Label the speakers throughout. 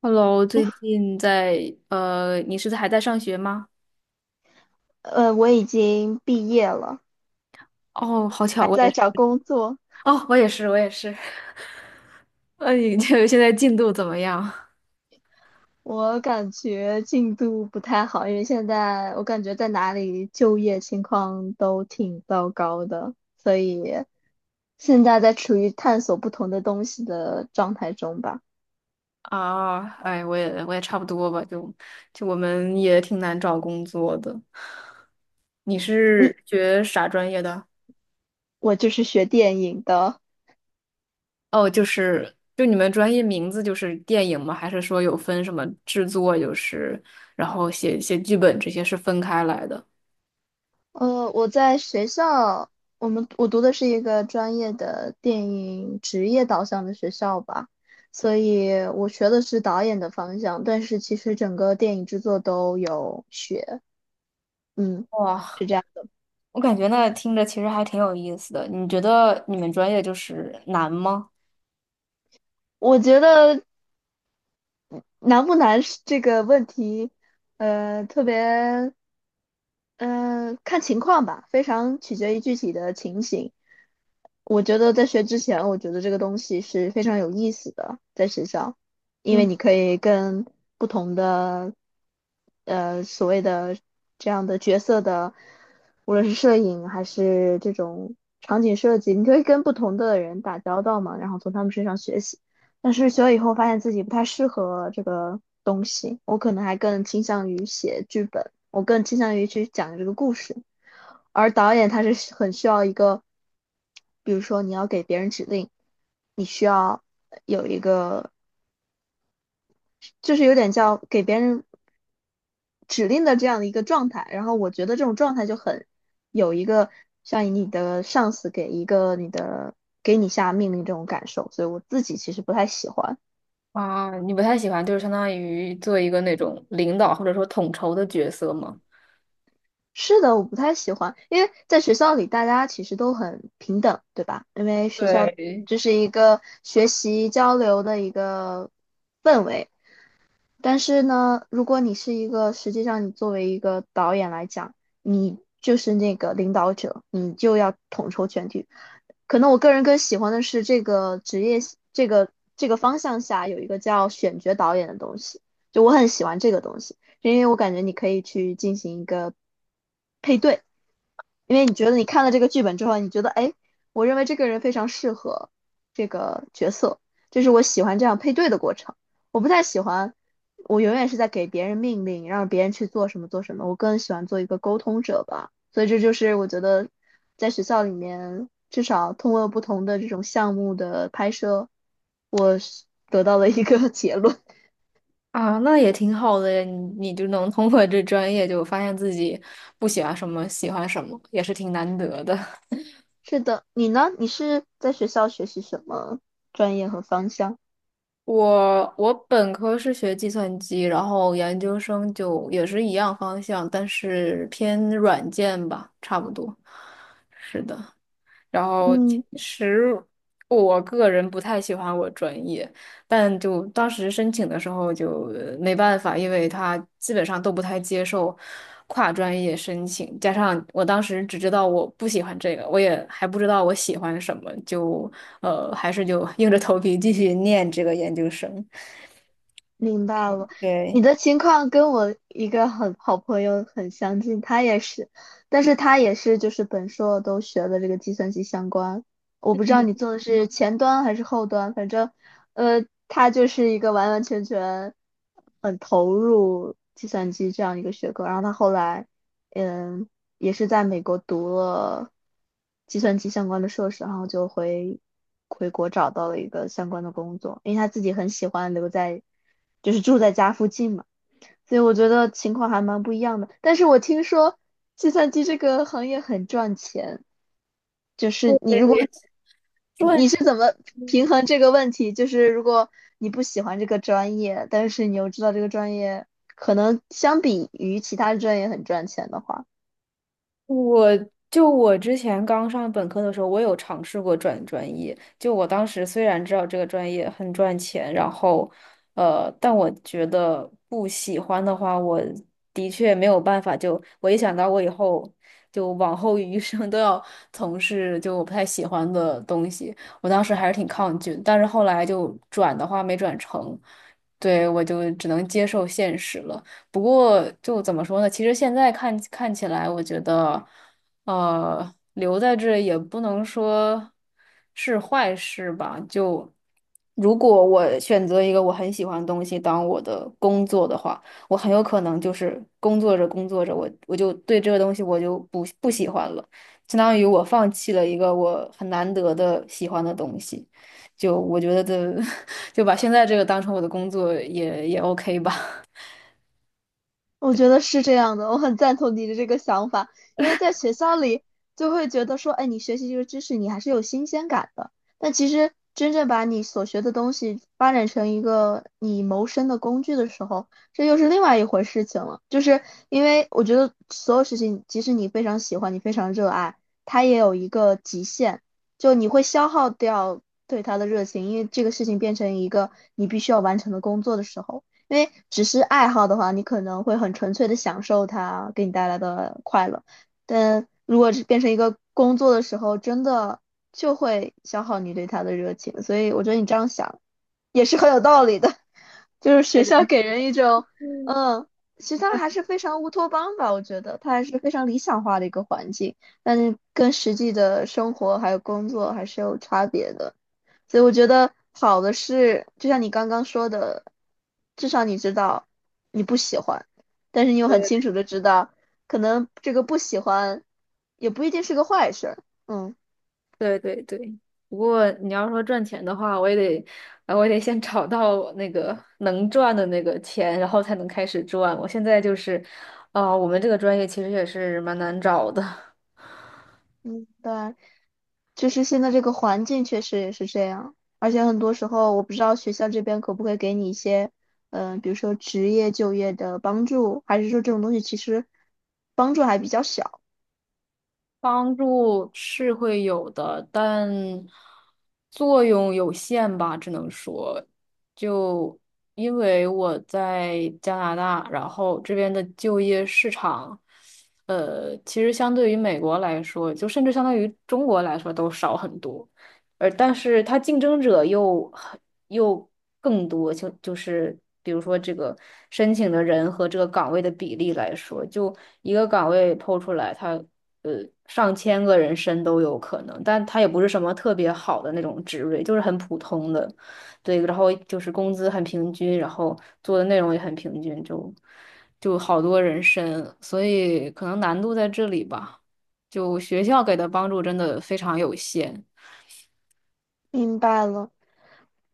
Speaker 1: Hello，最近在你是在还在上学吗？
Speaker 2: 我已经毕业了，
Speaker 1: 哦，好巧，
Speaker 2: 还
Speaker 1: 我也
Speaker 2: 在找
Speaker 1: 是。
Speaker 2: 工作。
Speaker 1: 哦，我也是，我也是。那你这现在进度怎么样？
Speaker 2: 我感觉进度不太好，因为现在我感觉在哪里就业情况都挺糟糕的，所以现在在处于探索不同的东西的状态中吧。
Speaker 1: 啊，哎，我也差不多吧，就我们也挺难找工作的。你
Speaker 2: 你，
Speaker 1: 是学啥专业的？
Speaker 2: 我就是学电影的，
Speaker 1: 哦，就你们专业名字就是电影吗？还是说有分什么制作，就是然后写写剧本这些是分开来的？
Speaker 2: 我在学校，我读的是一个专业的电影职业导向的学校吧，所以我学的是导演的方向，但是其实整个电影制作都有学，嗯，
Speaker 1: 哇，
Speaker 2: 是这样的。
Speaker 1: 我感觉那听着其实还挺有意思的。你觉得你们专业就是难吗？
Speaker 2: 我觉得难不难是这个问题，呃，特别，嗯、看情况吧，非常取决于具体的情形。我觉得在学之前，我觉得这个东西是非常有意思的，在学校，因为
Speaker 1: 嗯，
Speaker 2: 你可以跟不同的所谓的这样的角色的，无论是摄影还是这种场景设计，你可以跟不同的人打交道嘛，然后从他们身上学习。但是学了以后，发现自己不太适合这个东西，我可能还更倾向于写剧本，我更倾向于去讲这个故事。而导演他是很需要一个，比如说你要给别人指令，你需要有一个就是有点叫给别人指令的这样的一个状态。然后我觉得这种状态就很有一个像你的上司给一个你的给你下命令这种感受，所以我自己其实不太喜欢。
Speaker 1: 啊，你不太喜欢，就是相当于做一个那种领导或者说统筹的角色吗？
Speaker 2: 是的，我不太喜欢，因为在学校里大家其实都很平等，对吧？因为学校
Speaker 1: 对，
Speaker 2: 就是一个学习交流的一个氛围。但是呢，如果你是一个，实际上你作为一个导演来讲，你就是那个领导者，你就要统筹全局。可能我个人更喜欢的是这个职业，这个方向下有一个叫选角导演的东西，就我很喜欢这个东西，因为我感觉你可以去进行一个配对，因为你觉得你看了这个剧本之后，你觉得哎，我认为这个人非常适合这个角色，这是我喜欢这样配对的过程。我不太喜欢，我永远是在给别人命令，让别人去做什么做什么。我更喜欢做一个沟通者吧。所以这就是我觉得在学校里面，至少通过不同的这种项目的拍摄，我是得到了一个 结论。
Speaker 1: 啊，那也挺好的呀，你就能通过这专业就发现自己不喜欢什么，喜欢什么，也是挺难得的。
Speaker 2: 是的，你呢？你是在学校学习什么专业和方向？
Speaker 1: 我本科是学计算机，然后研究生就也是一样方向，但是偏软件吧，差不多。是的。然后其
Speaker 2: 嗯。
Speaker 1: 实我个人不太喜欢我专业，但就当时申请的时候就没办法，因为他基本上都不太接受跨专业申请，加上我当时只知道我不喜欢这个，我也还不知道我喜欢什么，就还是就硬着头皮继续念这个研究生。
Speaker 2: 明白了，你
Speaker 1: 对，
Speaker 2: 的情况跟我一个很好朋友很相近，他也是，但是他也是就是本硕都学的这个计算机相关，我不知道你做的是前端还是后端，反正，他就是一个完完全全很投入计算机这样一个学科，然后他后来，嗯，也是在美国读了计算机相关的硕士，然后就回国找到了一个相关的工作，因为他自己很喜欢留在，就是住在家附近嘛，所以我觉得情况还蛮不一样的。但是我听说计算机这个行业很赚钱，就是你
Speaker 1: 对，
Speaker 2: 如果
Speaker 1: 对，
Speaker 2: 你是怎么平衡这个问题？就是如果你不喜欢这个专业，但是你又知道这个专业可能相比于其他专业很赚钱的话。
Speaker 1: 我我之前刚上本科的时候，我有尝试过转专业。就我当时虽然知道这个专业很赚钱，然后，但我觉得不喜欢的话，我的确没有办法就。我一想到我以后就往后余生都要从事就我不太喜欢的东西，我当时还是挺抗拒。但是后来就转的话没转成，对，我就只能接受现实了。不过就怎么说呢？其实现在看看起来，我觉得，留在这也不能说是坏事吧。就如果我选择一个我很喜欢的东西当我的工作的话，我很有可能就是工作着工作着，我就对这个东西我就不喜欢了，相当于我放弃了一个我很难得的喜欢的东西。就我觉得的，就把现在这个当成我的工作也也 OK 吧。
Speaker 2: 我觉得是这样的，我很赞同你的这个想法，因为在学校里就会觉得说，哎，你学习这个知识，你还是有新鲜感的。但其实真正把你所学的东西发展成一个你谋生的工具的时候，这又是另外一回事情了。就是因为我觉得所有事情，即使你非常喜欢，你非常热爱，它也有一个极限，就你会消耗掉对它的热情，因为这个事情变成一个你必须要完成的工作的时候。因为只是爱好的话，你可能会很纯粹的享受它给你带来的快乐，但如果是变成一个工作的时候，真的就会消耗你对它的热情。所以我觉得你这样想也是很有道理的，就是学校给人一种，嗯，学校还是非常乌托邦吧，我觉得它还是非常理想化的一个环境，但是跟实际的生活还有工作还是有差别的。所以我觉得好的是，就像你刚刚说的，至少你知道你不喜欢，但是你又很清 楚的知道，可能这个不喜欢也不一定是个坏事儿。嗯
Speaker 1: 对对对，不过你要说赚钱的话，我也得，我也得先找到那个能赚的那个钱，然后才能开始赚。我现在就是，啊、我们这个专业其实也是蛮难找的。
Speaker 2: 嗯，对，就是现在这个环境确实也是这样，而且很多时候我不知道学校这边可不可以给你一些，比如说职业就业的帮助，还是说这种东西其实帮助还比较小。
Speaker 1: 帮助是会有的，但作用有限吧，只能说，就因为我在加拿大，然后这边的就业市场，其实相对于美国来说，就甚至相当于中国来说都少很多，而但是它竞争者又很又更多，就是比如说这个申请的人和这个岗位的比例来说，就一个岗位抛出来，它。呃上千个人申都有可能，但它也不是什么特别好的那种职位，就是很普通的，对，然后就是工资很平均，然后做的内容也很平均，就好多人申，所以可能难度在这里吧，就学校给的帮助真的非常有限。
Speaker 2: 明白了。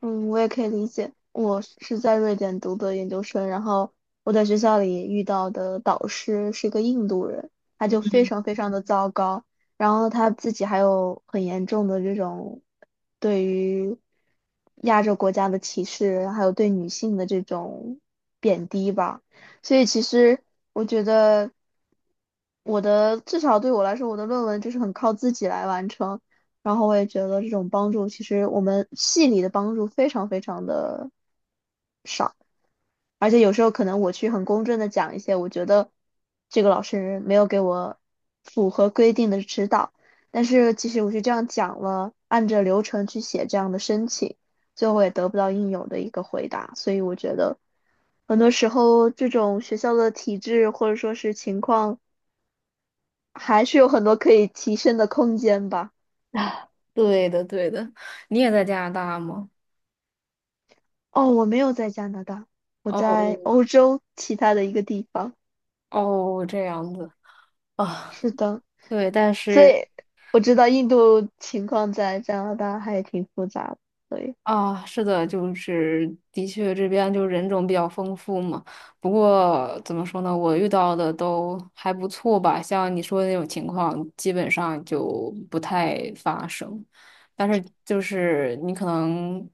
Speaker 2: 嗯，我也可以理解。我是在瑞典读的研究生，然后我在学校里遇到的导师是一个印度人，他就非常非常的糟糕，然后他自己还有很严重的这种对于亚洲国家的歧视，还有对女性的这种贬低吧。所以其实我觉得我的至少对我来说，我的论文就是很靠自己来完成。然后我也觉得这种帮助，其实我们系里的帮助非常非常的，而且有时候可能我去很公正的讲一些，我觉得这个老师没有给我符合规定的指导，但是其实我是这样讲了，按着流程去写这样的申请，最后也得不到应有的一个回答，所以我觉得很多时候这种学校的体制或者说是情况，还是有很多可以提升的空间吧。
Speaker 1: 对的，对的，你也在加拿大吗？
Speaker 2: 哦，我没有在加拿大，我
Speaker 1: 哦
Speaker 2: 在欧洲其他的一个地方。
Speaker 1: 哦，这样子啊，
Speaker 2: 是的，
Speaker 1: 对，但
Speaker 2: 所
Speaker 1: 是。
Speaker 2: 以我知道印度情况在加拿大还挺复杂的，所以
Speaker 1: 啊，是的，就是的确这边就人种比较丰富嘛。不过怎么说呢，我遇到的都还不错吧。像你说的那种情况，基本上就不太发生。但是就是你可能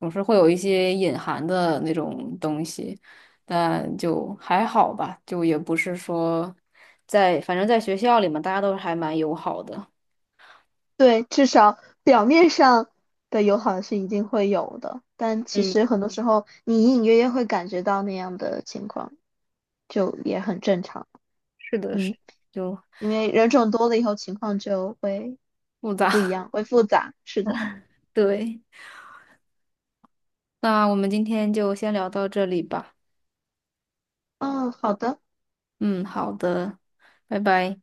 Speaker 1: 总是会有一些隐含的那种东西，但就还好吧，就也不是说在，反正在学校里嘛，大家都还蛮友好的。
Speaker 2: 对，至少表面上的友好是一定会有的，但其
Speaker 1: 嗯，
Speaker 2: 实很多时候你隐隐约约会感觉到那样的情况，就也很正常。
Speaker 1: 是的，是
Speaker 2: 嗯，
Speaker 1: 就
Speaker 2: 因为人种多了以后，情况就会
Speaker 1: 复
Speaker 2: 不一
Speaker 1: 杂，
Speaker 2: 样，会复杂。是的。
Speaker 1: 对。那我们今天就先聊到这里吧。
Speaker 2: 嗯，好的。
Speaker 1: 嗯，好的，拜拜。